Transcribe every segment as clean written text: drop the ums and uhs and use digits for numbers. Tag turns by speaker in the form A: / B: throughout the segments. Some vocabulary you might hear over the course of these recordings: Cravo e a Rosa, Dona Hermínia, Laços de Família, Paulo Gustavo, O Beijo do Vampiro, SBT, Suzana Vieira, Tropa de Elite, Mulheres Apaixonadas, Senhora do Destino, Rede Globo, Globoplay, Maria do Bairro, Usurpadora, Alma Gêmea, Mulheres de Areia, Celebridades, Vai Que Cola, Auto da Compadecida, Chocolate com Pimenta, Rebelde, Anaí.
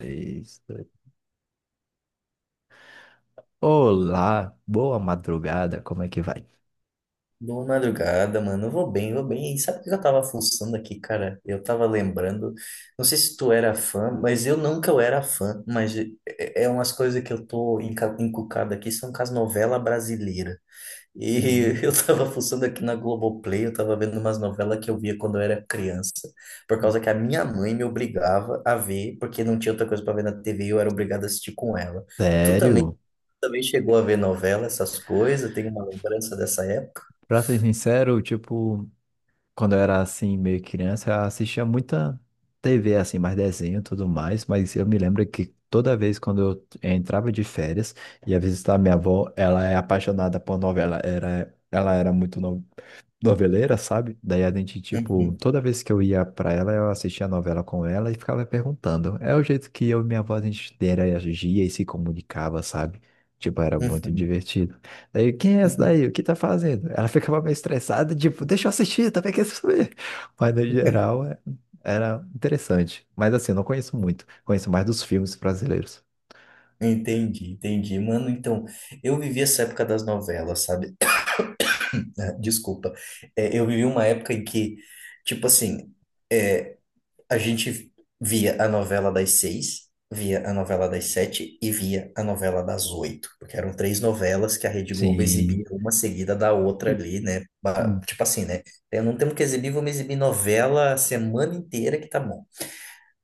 A: Isso. Olá, boa madrugada, como é que vai?
B: Boa madrugada, mano. Eu vou bem, eu vou bem. E sabe o que eu tava fuçando aqui, cara? Eu tava lembrando. Não sei se tu era fã, mas eu nunca eu era fã. Mas é umas coisas que eu tô encucado aqui, são com as novelas brasileiras. E eu
A: Hum,
B: tava fuçando aqui na Globoplay, eu tava vendo umas novelas que eu via quando eu era criança. Por
A: hum.
B: causa que a minha mãe me obrigava a ver, porque não tinha outra coisa pra ver na TV e eu era obrigado a assistir com ela. Tu também, tu
A: Sério?
B: também chegou a ver novela, essas coisas? Tem uma lembrança dessa época?
A: Pra ser sincero, tipo, quando eu era assim, meio criança, eu assistia muita TV, assim, mais desenho e tudo mais, mas eu me lembro que toda vez quando eu entrava de férias, ia visitar minha avó, ela é apaixonada por novela, era, ela era muito noveleira, sabe? Daí a gente, tipo, toda vez que eu ia pra ela, eu assistia a novela com ela e ficava perguntando. É o jeito que eu e minha avó a gente interagia e se comunicava, sabe? Tipo, era muito divertido. Daí, quem é essa
B: Uhum.
A: daí? O que tá fazendo? Ela ficava meio estressada, tipo, deixa eu assistir, também quero saber. Mas no geral, era interessante. Mas assim, eu não conheço muito. Conheço mais dos filmes brasileiros.
B: Entendi, entendi. Mano, então, eu vivi essa época das novelas, sabe? Ah, desculpa. É, eu vivi uma época em que, tipo assim, é, a gente via a novela das seis, via a novela das sete e via a novela das oito, porque eram três novelas que a Rede Globo exibia
A: Sim.
B: uma seguida da outra ali, né? Tipo assim, né? Eu não tenho que exibir, vamos exibir novela a semana inteira que tá bom.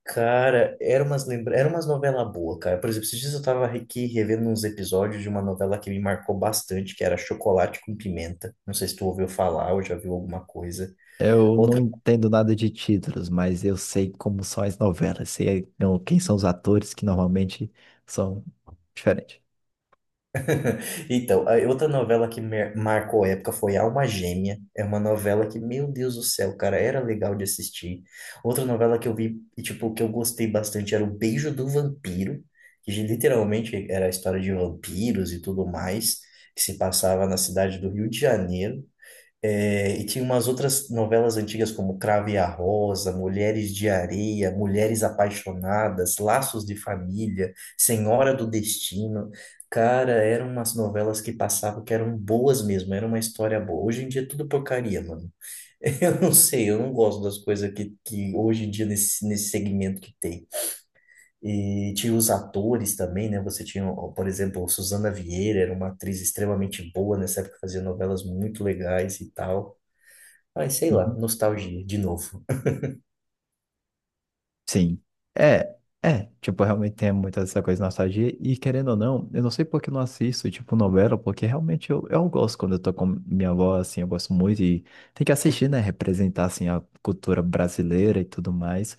B: Cara, era umas novela boa, cara. Por exemplo, esses dias eu tava aqui revendo uns episódios de uma novela que me marcou bastante, que era Chocolate com Pimenta. Não sei se tu ouviu falar ou já viu alguma coisa.
A: Eu não
B: Outra,
A: entendo nada de títulos, mas eu sei como são as novelas, sei quem são os atores que normalmente são diferentes.
B: então, a outra novela que marcou a época foi Alma Gêmea. É uma novela que, meu Deus do céu, cara, era legal de assistir. Outra novela que eu vi e tipo que eu gostei bastante era O Beijo do Vampiro, que literalmente era a história de vampiros e tudo mais. Que se passava na cidade do Rio de Janeiro. É, e tinha umas outras novelas antigas como Cravo e a Rosa, Mulheres de Areia, Mulheres Apaixonadas, Laços de Família, Senhora do Destino. Cara, eram umas novelas que passavam que eram boas mesmo, era uma história boa. Hoje em dia é tudo porcaria, mano. Eu não sei, eu não gosto das coisas que hoje em dia nesse segmento que tem. E tinha os atores também, né? Você tinha, ó, por exemplo, Suzana Vieira, era uma atriz extremamente boa nessa época, fazia novelas muito legais e tal. Ai, sei lá, nostalgia, de novo.
A: Sim. É, é. Tipo, realmente tem muita essa coisa de nostalgia. E querendo ou não, eu não sei por que eu não assisto, tipo, novela, porque realmente eu gosto quando eu tô com minha avó, assim, eu gosto muito e tem que assistir, né? Representar, assim, a cultura brasileira e tudo mais.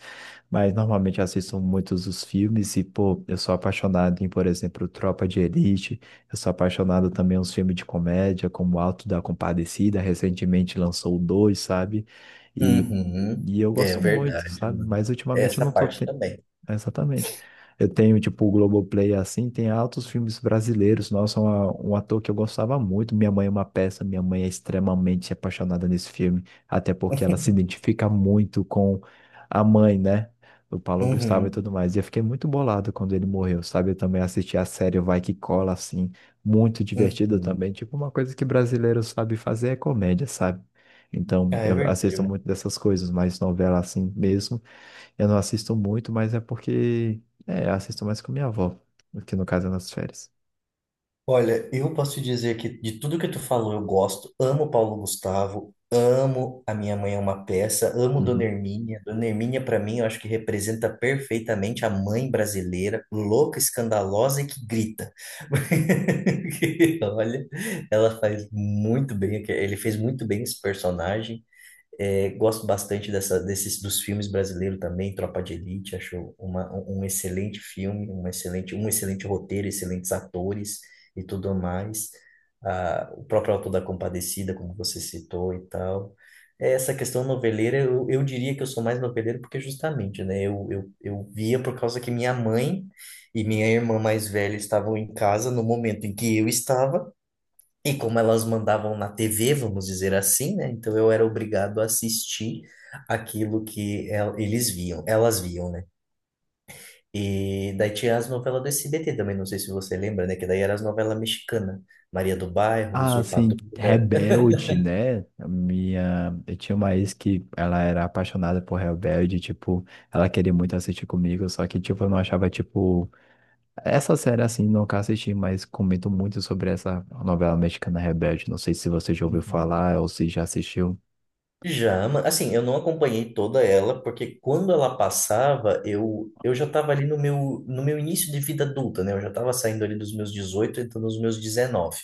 A: Mas normalmente eu assisto muitos dos filmes e, pô, eu sou apaixonado em, por exemplo, Tropa de Elite. Eu sou apaixonado também em uns filmes de comédia, como Alto da Compadecida. Recentemente lançou o dois, sabe? E
B: Uhum,
A: eu
B: é
A: gosto muito,
B: verdade,
A: sabe?
B: mano.
A: Mas ultimamente eu não
B: Essa
A: tô
B: parte
A: te-
B: também.
A: Exatamente. Eu tenho, tipo, o Globoplay assim, tem altos filmes brasileiros. Nossa, um ator que eu gostava muito. Minha mãe é uma peça, minha mãe é extremamente apaixonada nesse filme, até porque ela se identifica muito com a mãe, né? Do Paulo Gustavo e
B: Uhum,
A: tudo mais. E eu fiquei muito bolado quando ele morreu, sabe? Eu também assisti a série Vai Que Cola, assim, muito divertida
B: uhum.
A: também. Tipo, uma coisa que brasileiro sabe fazer é comédia, sabe?
B: Ah,
A: Então,
B: é
A: eu
B: verdade,
A: assisto
B: mano.
A: muito dessas coisas, mas novela assim mesmo. Eu não assisto muito, mas é porque. É, eu assisto mais com minha avó, que no caso é nas férias.
B: Olha, eu posso te dizer que de tudo que tu falou, eu gosto. Amo Paulo Gustavo, amo A Minha Mãe é uma Peça, amo Dona
A: Uhum.
B: Hermínia. Dona Hermínia, pra mim, eu acho que representa perfeitamente a mãe brasileira, louca, escandalosa e que grita. Porque, olha, ela faz muito bem, ele fez muito bem esse personagem. É, gosto bastante dessa, desses dos filmes brasileiros também, Tropa de Elite, acho uma, um um excelente filme, um excelente roteiro, excelentes atores e tudo mais. Ah, o próprio Auto da Compadecida, como você citou e tal. É, essa questão noveleira, eu diria que eu sou mais noveleiro porque justamente, né, eu via por causa que minha mãe e minha irmã mais velha estavam em casa no momento em que eu estava, e como elas mandavam na TV, vamos dizer assim, né? Então eu era obrigado a assistir aquilo que eles viam, elas viam, né? E daí tinha as novelas do SBT também, não sei se você lembra, né? Que daí eram as novelas mexicanas, Maria do Bairro,
A: Ah, assim,
B: Usurpadora.
A: Rebelde, né? A Minha. Eu tinha uma ex que ela era apaixonada por Rebelde, tipo, ela queria muito assistir comigo, só que, tipo, eu não achava, tipo. Essa série, assim, nunca assisti, mas comento muito sobre essa novela mexicana Rebelde. Não sei se você já ouviu
B: Uhum.
A: falar ou se já assistiu.
B: Já, assim, eu não acompanhei toda ela, porque quando ela passava, eu já estava ali no meu início de vida adulta, né? Eu já estava saindo ali dos meus 18 entrando nos meus 19.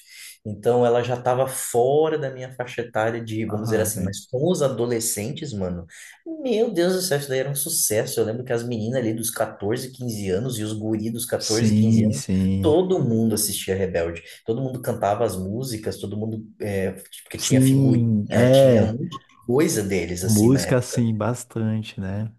B: Então, ela já estava fora da minha faixa etária de, vamos dizer
A: Ah,
B: assim,
A: sim.
B: mas com os adolescentes, mano, meu Deus do céu, isso daí era um sucesso. Eu lembro que as meninas ali dos 14-15 anos e os guri dos 14-15
A: Sim,
B: anos,
A: sim.
B: todo mundo assistia Rebelde. Todo mundo cantava as músicas, todo mundo, porque tinha figurinha,
A: Sim,
B: tinha
A: é.
B: um coisa deles, assim, na
A: Música,
B: época.
A: sim, bastante, né?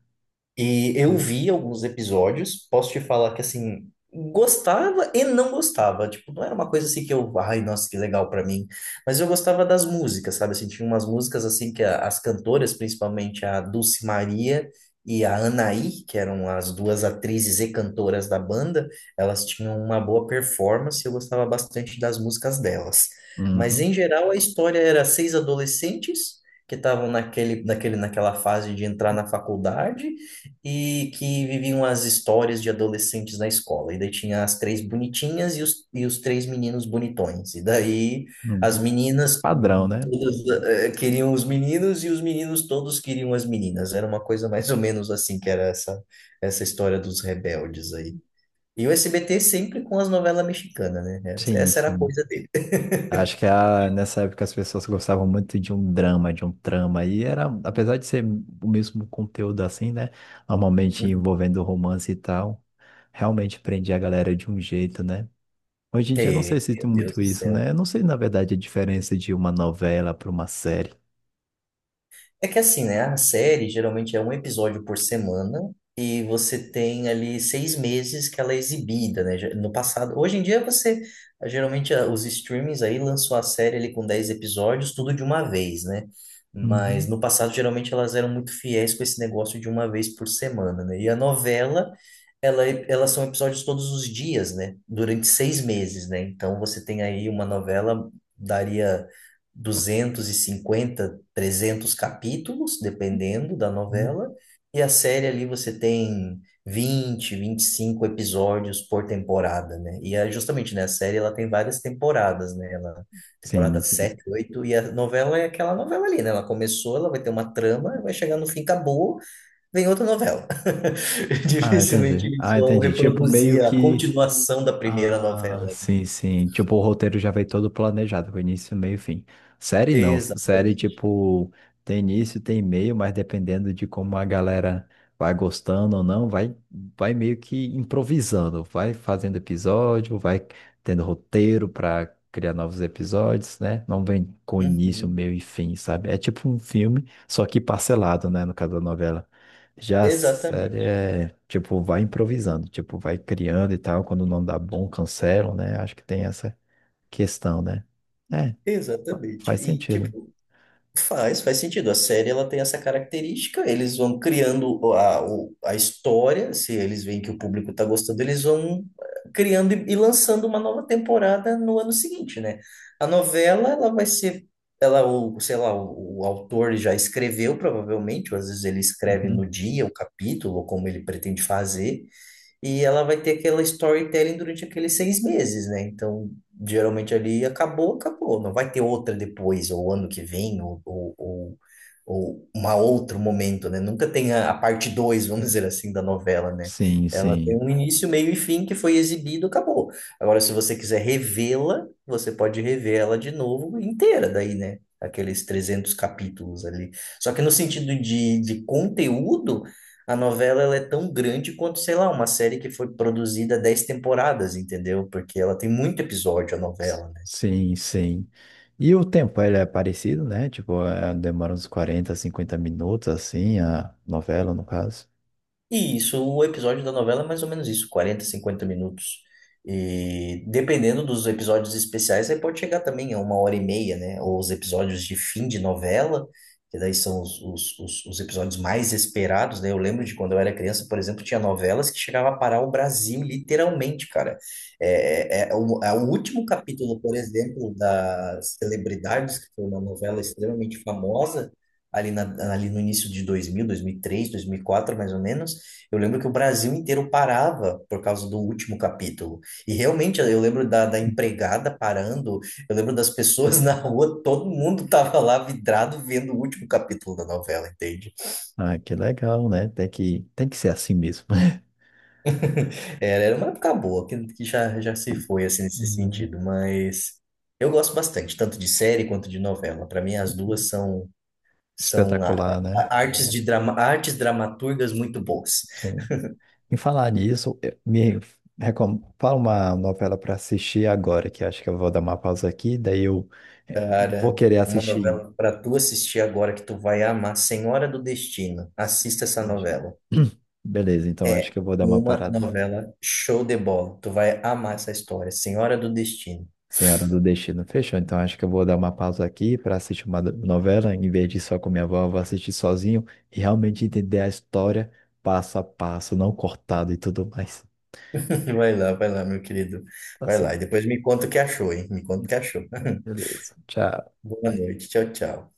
B: E eu vi alguns episódios, posso te falar que assim, gostava e não gostava. Tipo, não era uma coisa assim que eu, ai, nossa, que legal pra mim. Mas eu gostava das músicas, sabe? Assim, tinha umas músicas assim que as cantoras, principalmente a Dulce Maria e a Anaí, que eram as duas atrizes e cantoras da banda, elas tinham uma boa performance, e eu gostava bastante das músicas delas. Mas
A: Uhum,
B: em geral a história era seis adolescentes que estavam naquela fase de entrar na faculdade e que viviam as histórias de adolescentes na escola. E daí tinha as três bonitinhas e e os três meninos bonitões. E daí as
A: uhum.
B: meninas
A: Padrão, né?
B: todas queriam os meninos e os meninos todos queriam as meninas. Era uma coisa mais ou menos assim que era essa, história dos rebeldes aí. E o SBT sempre com as novelas mexicanas, né?
A: Sim,
B: Essa era a
A: sim.
B: coisa dele.
A: Acho que a, nessa época as pessoas gostavam muito de um drama, de um trama, e era, apesar de ser o mesmo conteúdo assim, né? Normalmente envolvendo romance e tal, realmente prendia a galera de um jeito, né? Hoje em dia eu não
B: É,
A: sei se
B: meu
A: tem
B: Deus
A: muito
B: do
A: isso, né?
B: céu.
A: Eu não sei, na verdade, a diferença de uma novela para uma série.
B: É que assim, né? A série geralmente é um episódio por semana e você tem ali 6 meses que ela é exibida, né? No passado, hoje em dia você geralmente os streamings aí lançou a série ali com 10 episódios, tudo de uma vez, né? Mas
A: Uhum,
B: no passado geralmente elas eram muito fiéis com esse negócio de uma vez por semana, né? E a novela, elas são episódios todos os dias, né? Durante 6 meses, né? Então você tem aí uma novela daria 250 300 capítulos, dependendo da
A: uhum.
B: novela, e a série ali você tem 20-25 episódios por temporada, né? E é justamente, né, a série ela tem várias temporadas, né? Ela, temporada
A: Sim, sim.
B: 7-8 e a novela é aquela novela ali, né? Ela começou, ela vai ter uma trama, vai chegar no fim, acabou, vem outra novela.
A: Ah,
B: Dificilmente
A: entendi.
B: eles
A: Ah,
B: vão
A: entendi. Tipo, meio
B: reproduzir a
A: que.
B: continuação da primeira novela.
A: Ah, sim, sim. Tipo, o roteiro já vem todo planejado, com início, meio, e fim. Série não. Série,
B: Exatamente.
A: tipo, tem início, tem meio, mas dependendo de como a galera vai gostando ou não, vai, vai meio que improvisando. Vai fazendo episódio, vai tendo roteiro para criar novos episódios, né? Não vem com início,
B: Uhum.
A: meio e fim, sabe? É tipo um filme, só que parcelado, né? No caso da novela. Já a série
B: Exatamente.
A: é, tipo, vai improvisando, tipo, vai criando e tal, quando não dá bom, cancelam, né? Acho que tem essa questão, né? É,
B: Exatamente.
A: faz
B: E,
A: sentido.
B: tipo, faz sentido. A série ela tem essa característica. Eles vão criando a história. Se eles veem que o público está gostando, eles vão criando e lançando uma nova temporada no ano seguinte, né? A novela ela vai ser, ela o, sei lá, o autor já escreveu provavelmente, ou às vezes ele escreve no
A: Uhum.
B: dia o capítulo, ou como ele pretende fazer. E ela vai ter aquela storytelling durante aqueles 6 meses, né? Então, geralmente ali acabou, acabou. Não vai ter outra depois, ou ano que vem, ou uma outro momento, né? Nunca tem a parte 2, vamos dizer assim, da novela, né?
A: Sim,
B: Ela tem
A: sim.
B: um início, meio e fim que foi exibido, acabou. Agora, se você quiser revê-la, você pode rever ela de novo inteira, daí, né? Aqueles 300 capítulos ali. Só que no sentido de conteúdo, a novela ela é tão grande quanto, sei lá, uma série que foi produzida 10 temporadas, entendeu? Porque ela tem muito episódio, a
A: S-
B: novela, né?
A: Sim, sim. E o tempo, ele é parecido, né? Tipo, é, demora uns 40, 50 minutos, assim, a novela, no caso.
B: E isso, o episódio da novela é mais ou menos isso, 40-50 minutos. E dependendo dos episódios especiais, aí pode chegar também a uma hora e meia, né? Ou os episódios de fim de novela, que daí são os episódios mais esperados, né? Eu lembro de quando eu era criança, por exemplo, tinha novelas que chegava a parar o Brasil, literalmente, cara. É o último capítulo, por exemplo, da Celebridades, que foi uma novela extremamente famosa, ali, ali no início de 2000, 2003, quatro mais ou menos. Eu lembro que o Brasil inteiro parava por causa do último capítulo. E realmente eu lembro da empregada parando, eu lembro das pessoas na rua, todo mundo tava lá vidrado vendo o último capítulo da novela, entende?
A: Ah, que legal, né? Tem que ser assim mesmo.
B: Era uma época boa, que já, já se foi assim nesse
A: Uhum.
B: sentido, mas eu gosto bastante, tanto de série quanto de novela. Para mim, as duas são, são a-
A: Espetacular, né?
B: a- artes de drama, artes dramaturgas muito boas.
A: Sim. Em falar nisso, me recom... fala uma novela para assistir agora, que acho que eu vou dar uma pausa aqui, daí eu eh, vou
B: Cara,
A: querer
B: uma
A: assistir.
B: novela para tu assistir agora que tu vai amar, Senhora do Destino.
A: Sim,
B: Assista essa
A: imagina.
B: novela.
A: Beleza, então acho
B: É
A: que eu vou dar uma
B: uma
A: parada.
B: novela show de bola. Tu vai amar essa história, Senhora do Destino.
A: Senhora do Destino, fechou? Então acho que eu vou dar uma pausa aqui para assistir uma novela, em vez de ir só com minha avó, eu vou assistir sozinho e realmente entender a história passo a passo, não cortado e tudo mais.
B: Vai lá, meu querido.
A: Tá
B: Vai lá e
A: certo.
B: depois me conta o que achou, hein? Me conta o que achou.
A: Beleza, tchau.
B: Boa noite. Tchau, tchau.